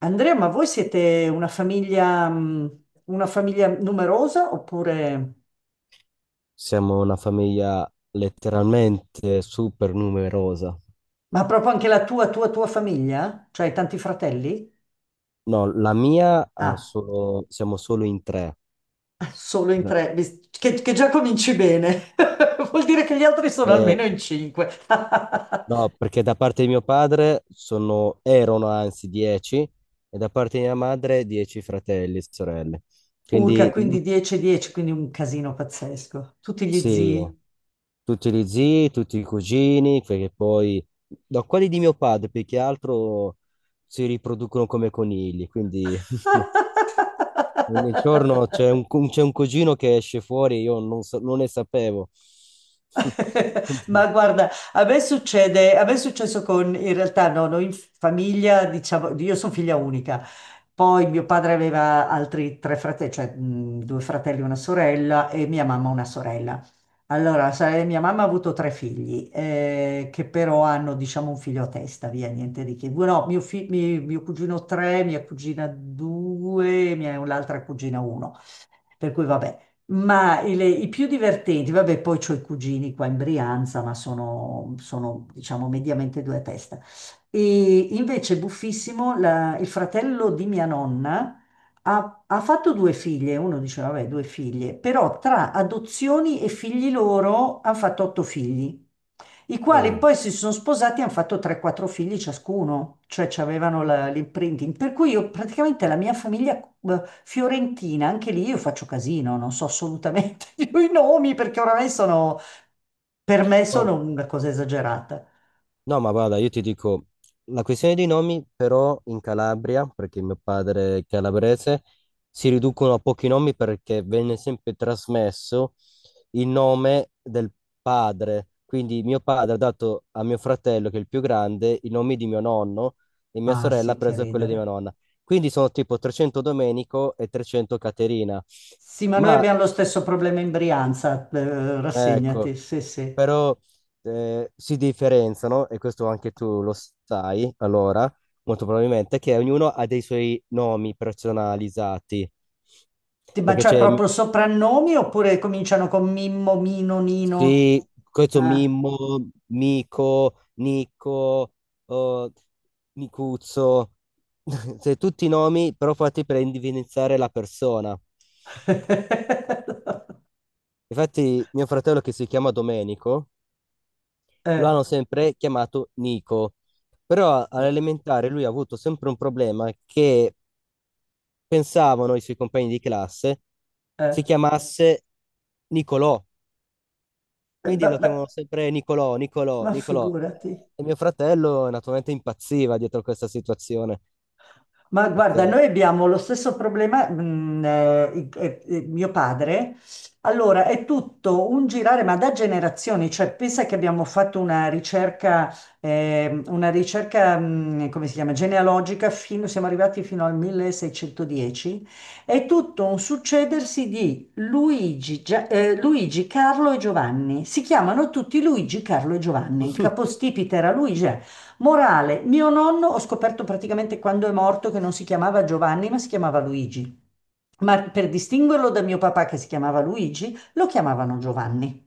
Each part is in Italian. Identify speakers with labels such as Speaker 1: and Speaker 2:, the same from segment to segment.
Speaker 1: Andrea, ma voi siete una famiglia numerosa oppure.
Speaker 2: Siamo una famiglia letteralmente super numerosa.
Speaker 1: Ma proprio anche la tua famiglia? Cioè hai tanti fratelli?
Speaker 2: No, la mia ha
Speaker 1: Ah,
Speaker 2: solo, siamo solo in tre.
Speaker 1: solo in tre, che già cominci bene. Vuol dire che gli altri sono
Speaker 2: E-
Speaker 1: almeno in cinque.
Speaker 2: no, perché da parte di mio padre sono, erano anzi 10 e da parte di mia madre 10 fratelli e sorelle.
Speaker 1: Urca,
Speaker 2: Quindi
Speaker 1: quindi 10-10, quindi un casino pazzesco. Tutti gli
Speaker 2: sì,
Speaker 1: zii.
Speaker 2: tutti gli zii, tutti i cugini, perché poi da quelli di mio padre, più che altro si riproducono come conigli, quindi ogni giorno c'è un, c'è un cugino che esce fuori, io non, non ne sapevo.
Speaker 1: Ma
Speaker 2: Quindi,
Speaker 1: guarda, a me succede, a me è successo con, in realtà no, noi in famiglia, diciamo, io sono figlia unica, poi mio padre aveva altri tre fratelli, cioè due fratelli e una sorella e mia mamma una sorella. Allora, sai, mia mamma ha avuto tre figli, che però hanno, diciamo, un figlio a testa, via, niente di che. No, mio cugino tre, mia cugina due, l'altra cugina uno. Per cui vabbè, ma i più divertenti, vabbè, poi ho i cugini qua in Brianza, ma sono, diciamo mediamente due a testa. E invece buffissimo, il fratello di mia nonna ha fatto due figlie, uno diceva, vabbè, due figlie, però tra adozioni e figli loro hanno fatto otto figli i quali
Speaker 2: oh,
Speaker 1: poi si sono sposati e hanno fatto 3-4 figli ciascuno, cioè ci avevano l'imprinting. Per cui io praticamente la mia famiglia fiorentina, anche lì io faccio casino, non so assolutamente più i nomi perché oramai sono, per me sono
Speaker 2: guarda.
Speaker 1: una cosa esagerata.
Speaker 2: No, ma guarda, io ti dico, la questione dei nomi però in Calabria, perché mio padre è calabrese, si riducono a pochi nomi perché venne sempre trasmesso il nome del padre. Quindi mio padre ha dato a mio fratello, che è il più grande, i nomi di mio nonno e mia
Speaker 1: Ah
Speaker 2: sorella ha
Speaker 1: sì, che
Speaker 2: preso quello di mia
Speaker 1: ridere.
Speaker 2: nonna. Quindi sono tipo 300 Domenico e 300 Caterina.
Speaker 1: Sì, ma noi
Speaker 2: Ma
Speaker 1: abbiamo lo stesso problema in Brianza,
Speaker 2: ecco,
Speaker 1: rassegnati, sì, sì.
Speaker 2: però si differenziano, e questo anche tu lo sai, allora, molto probabilmente, che ognuno ha dei suoi nomi personalizzati,
Speaker 1: Ma
Speaker 2: perché
Speaker 1: cioè
Speaker 2: c'è,
Speaker 1: proprio soprannomi oppure cominciano con Mimmo, Mino, Nino?
Speaker 2: sì, questo
Speaker 1: Ah.
Speaker 2: Mimmo, Mico, Nico, oh, Nicuzzo, cioè, tutti i nomi però fatti per individuare la persona. Infatti mio fratello che si chiama Domenico, lo
Speaker 1: Eh.
Speaker 2: hanno sempre chiamato Nico. Però
Speaker 1: Eh,
Speaker 2: all'elementare lui ha avuto sempre un problema che pensavano i suoi compagni di classe
Speaker 1: eh,
Speaker 2: si chiamasse Nicolò. Quindi
Speaker 1: beh,
Speaker 2: lo
Speaker 1: beh,
Speaker 2: chiamavano sempre Nicolò, Nicolò,
Speaker 1: ma
Speaker 2: Nicolò.
Speaker 1: figurati.
Speaker 2: E mio fratello naturalmente impazziva dietro questa situazione.
Speaker 1: Ma guarda,
Speaker 2: Perché...
Speaker 1: noi abbiamo lo stesso problema, mio padre. Allora, è tutto un girare, ma da generazioni, cioè pensa che abbiamo fatto una ricerca, come si chiama, genealogica, siamo arrivati fino al 1610, è tutto un succedersi di Luigi, Carlo e Giovanni. Si chiamano tutti Luigi, Carlo e Giovanni. Il capostipite era Luigi. Eh. Morale, mio nonno ho scoperto praticamente quando è morto che non si chiamava Giovanni, ma si chiamava Luigi. Ma per distinguerlo da mio papà che si chiamava Luigi, lo chiamavano Giovanni.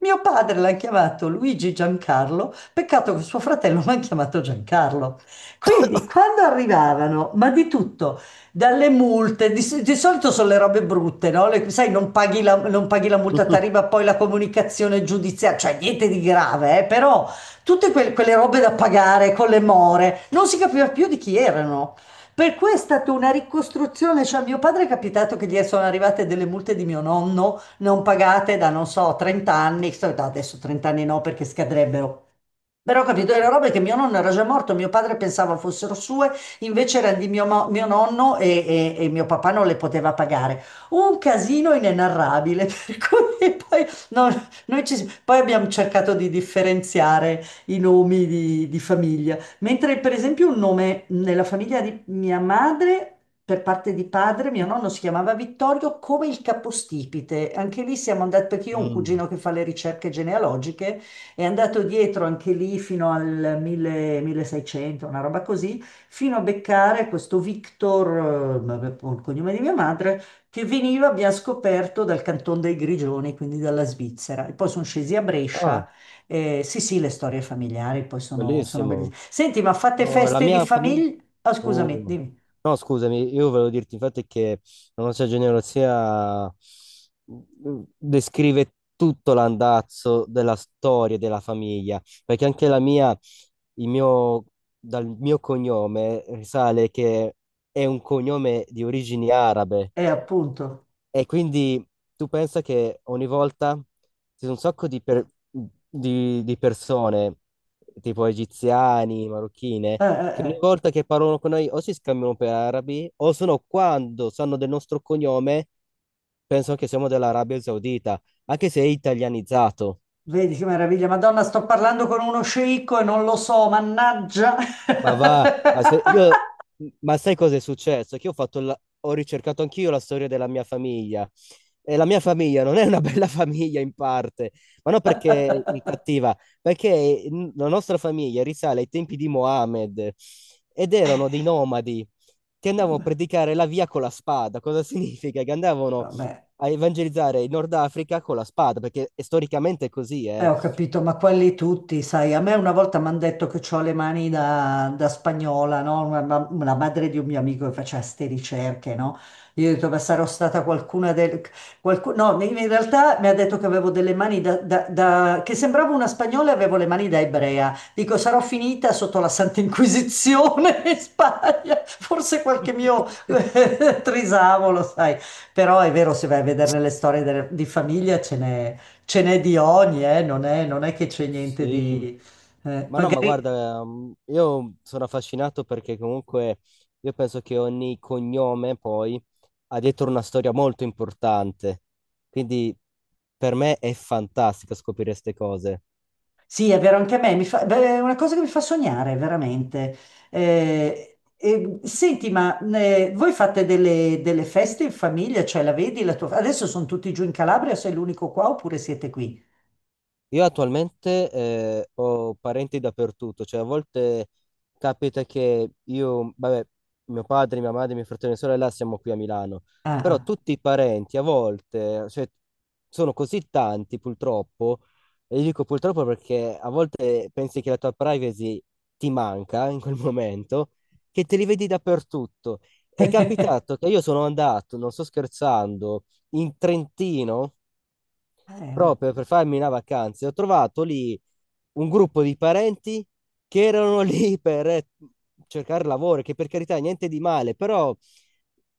Speaker 1: Mio padre l'ha chiamato Luigi Giancarlo, peccato che suo fratello l'ha chiamato Giancarlo. Quindi quando arrivavano, ma di tutto, dalle multe, di solito sono le robe brutte, no? Sai, non paghi la multa, ti arriva poi la comunicazione giudiziaria, cioè niente di grave, però tutte quelle robe da pagare con le more, non si capiva più di chi erano. Per cui è stata una ricostruzione, cioè a mio padre è capitato che gli sono arrivate delle multe di mio nonno non pagate da, non so, 30 anni, no, adesso 30 anni no perché scadrebbero, però ho capito, le robe che mio nonno era già morto, mio padre pensava fossero sue, invece erano di mio nonno e mio papà non le poteva pagare. Un casino inenarrabile, per cui poi, no, noi poi abbiamo cercato di differenziare i nomi di famiglia. Mentre per esempio un nome nella famiglia di mia madre, per parte di padre, mio nonno si chiamava Vittorio come il capostipite. Anche lì siamo andati, perché io ho un
Speaker 2: Mm.
Speaker 1: cugino che fa le ricerche genealogiche. È andato dietro anche lì fino al 1000 1600, una roba così, fino a beccare questo Victor, vabbè, il cognome di mia madre, che veniva, abbiamo scoperto, dal Canton dei Grigioni, quindi dalla Svizzera. E poi sono scesi a
Speaker 2: Ah,
Speaker 1: Brescia. Eh, sì, sì, le storie familiari poi sono, bellissime.
Speaker 2: bellissimo.
Speaker 1: Senti, ma fate
Speaker 2: No, la
Speaker 1: feste di
Speaker 2: mia famiglia...
Speaker 1: famiglia? Ah, scusami,
Speaker 2: Oh.
Speaker 1: dimmi.
Speaker 2: No, scusami, io volevo dirti infatti che la nostra genealogia descrive tutto l'andazzo della storia della famiglia, perché anche la mia, il mio, dal mio cognome risale che è un cognome di origini arabe.
Speaker 1: Appunto.
Speaker 2: E quindi tu pensa che ogni volta ci sono un sacco di, di persone, tipo egiziani, marocchine, che ogni
Speaker 1: Eh.
Speaker 2: volta che parlano con noi o si scambiano per arabi, o se no quando sanno del nostro cognome, pensano che siamo dell'Arabia Saudita, anche se è italianizzato.
Speaker 1: Vedi che meraviglia. Madonna, sto parlando con uno sceicco e non lo so, mannaggia.
Speaker 2: Ma va, ma se io, ma sai cosa è successo? Che io ho fatto ho ricercato anch'io la storia della mia famiglia e la mia famiglia non è una bella famiglia in parte, ma non perché è cattiva, perché la nostra famiglia risale ai tempi di Mohammed ed erano dei nomadi che andavano a predicare la via con la spada. Cosa significa? Che andavano
Speaker 1: Vabbè.
Speaker 2: a evangelizzare il Nord Africa con la spada, perché è storicamente così, eh.
Speaker 1: Ho capito, ma quelli tutti, sai, a me una volta mi hanno detto che ho le mani da spagnola, no? Una madre di un mio amico che faceva ste ricerche, no? Io ho detto, ma sarò stata qualcuna del... qualcu- No, in realtà mi ha detto che avevo delle mani che sembravo una spagnola e avevo le mani da ebrea. Dico, sarò finita sotto la Santa Inquisizione in Spagna, forse qualche mio trisavolo, sai. Però è vero, se vai a vedere le storie di famiglia ce n'è di ogni, non è che c'è niente
Speaker 2: Sì.
Speaker 1: di. Eh,
Speaker 2: Ma no, ma
Speaker 1: magari.
Speaker 2: guarda, io sono affascinato perché comunque io penso che ogni cognome poi ha dietro una storia molto importante. Quindi per me è fantastico scoprire queste cose.
Speaker 1: Sì, è vero, anche a me, beh, è una cosa che mi fa sognare, veramente. Senti, ma voi fate delle feste in famiglia? Cioè, la vedi la tua. Adesso sono tutti giù in Calabria, sei l'unico qua oppure siete qui?
Speaker 2: Io attualmente ho parenti dappertutto, cioè a volte capita che io, vabbè, mio padre, mia madre, mio fratello e mia sorella siamo qui a Milano, però
Speaker 1: Ah,
Speaker 2: tutti i parenti a volte, cioè, sono così tanti purtroppo, e io dico purtroppo perché a volte pensi che la tua privacy ti manca in quel momento, che te li vedi dappertutto. È capitato che io sono andato, non sto scherzando, in Trentino
Speaker 1: ah, oh,
Speaker 2: proprio per farmi una vacanza. E ho trovato lì un gruppo di parenti che erano lì per cercare lavoro, che per carità niente di male, però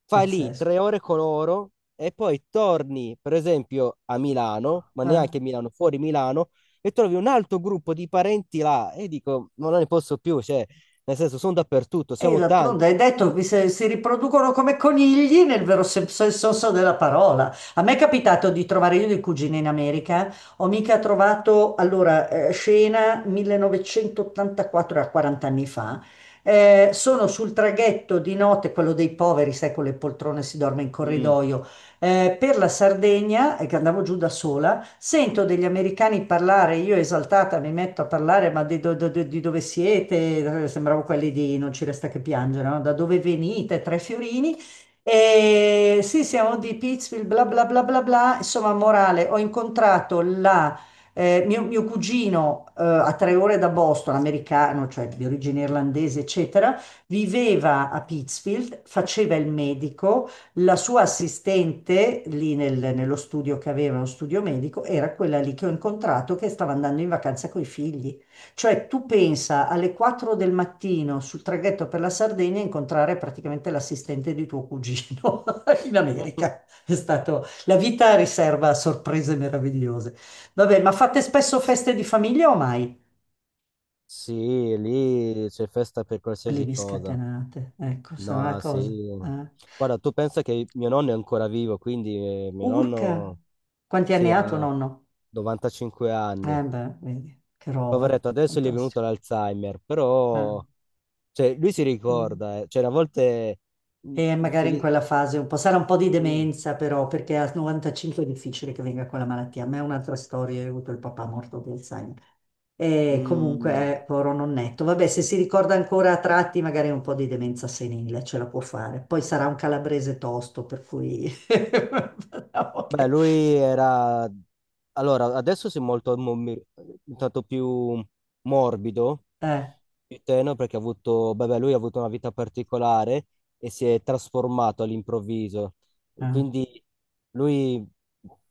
Speaker 2: fai lì
Speaker 1: pazzesco.
Speaker 2: 3 ore con loro e poi torni, per esempio, a Milano, ma
Speaker 1: Eh.
Speaker 2: neanche a Milano, fuori Milano, e trovi un altro gruppo di parenti là e dico, ma non ne posso più, cioè, nel senso, sono dappertutto,
Speaker 1: E
Speaker 2: siamo
Speaker 1: d'altronde hai
Speaker 2: tanti.
Speaker 1: detto che si riproducono come conigli nel vero senso della parola. A me è capitato di trovare io dei cugini in America, ho mica trovato, allora, scena 1984, era 40 anni fa, sono sul traghetto di notte, quello dei poveri, sai, con le poltrone si dorme in
Speaker 2: Mm.
Speaker 1: corridoio, per la Sardegna, e che andavo giù da sola, sento degli americani parlare, io esaltata mi metto a parlare, ma di, do- do- do- di dove siete? Sembravo quelli di Non ci resta che piangere, no? Da dove venite? 3 fiorini. E sì, siamo di Pittsfield, bla bla bla bla bla. Insomma, morale, ho incontrato mio cugino a 3 ore da Boston, americano, cioè di origine irlandese, eccetera, viveva a Pittsfield, faceva il medico la sua assistente lì nello studio che aveva, uno studio medico, era quella lì che ho incontrato che stava andando in vacanza coi figli. Cioè, tu pensa alle 4 del mattino sul traghetto per la Sardegna incontrare praticamente l'assistente di tuo cugino in America. È stato, la vita riserva sorprese meravigliose. Vabbè, ma fate spesso feste di famiglia o mai?
Speaker 2: Sì, lì c'è festa per
Speaker 1: Le
Speaker 2: qualsiasi
Speaker 1: vi
Speaker 2: cosa.
Speaker 1: scatenate. Ecco, sarà una
Speaker 2: No,
Speaker 1: cosa.
Speaker 2: sì.
Speaker 1: Eh.
Speaker 2: Guarda, tu pensa che mio nonno è ancora vivo, quindi mio
Speaker 1: Urca,
Speaker 2: nonno
Speaker 1: quanti anni
Speaker 2: sì,
Speaker 1: ha tuo
Speaker 2: ha
Speaker 1: nonno?
Speaker 2: 95 anni.
Speaker 1: Eh beh, vedi, che roba,
Speaker 2: Poveretto, adesso gli è venuto
Speaker 1: fantastico.
Speaker 2: l'Alzheimer,
Speaker 1: Eh.
Speaker 2: però cioè, lui si
Speaker 1: Mm.
Speaker 2: ricorda, eh. Cioè, a volte... mm,
Speaker 1: E magari in
Speaker 2: si-
Speaker 1: quella fase un po', sarà un po' di
Speaker 2: sì.
Speaker 1: demenza però, perché a 95 è difficile che venga quella malattia. A me è un'altra storia, io ho avuto il papà morto di Alzheimer. E
Speaker 2: Mm.
Speaker 1: comunque, povero nonnetto. Vabbè, se si ricorda ancora a tratti, magari un po' di demenza senile ce la può fare. Poi sarà un calabrese tosto, per cui.
Speaker 2: Beh, lui era... Allora, adesso si è molto, tanto più morbido,
Speaker 1: Eh,
Speaker 2: più tenero, perché ha avuto... Beh, beh, lui ha avuto una vita particolare e si è trasformato all'improvviso.
Speaker 1: eh,
Speaker 2: Quindi lui,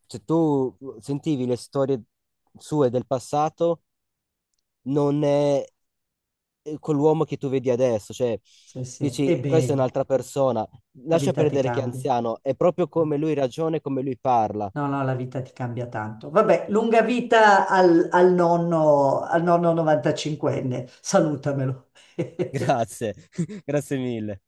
Speaker 2: se tu sentivi le storie sue del passato, non è quell'uomo che tu vedi adesso. Cioè,
Speaker 1: sì, sì. E
Speaker 2: dici, questa è
Speaker 1: beh,
Speaker 2: un'altra persona.
Speaker 1: la
Speaker 2: Lascia
Speaker 1: vita ti
Speaker 2: perdere che è
Speaker 1: cambia.
Speaker 2: anziano, è proprio come lui ragiona e come lui parla.
Speaker 1: No, no, la vita ti cambia tanto. Vabbè, lunga vita al nonno, al nonno 95enne, salutamelo.
Speaker 2: Grazie, grazie mille.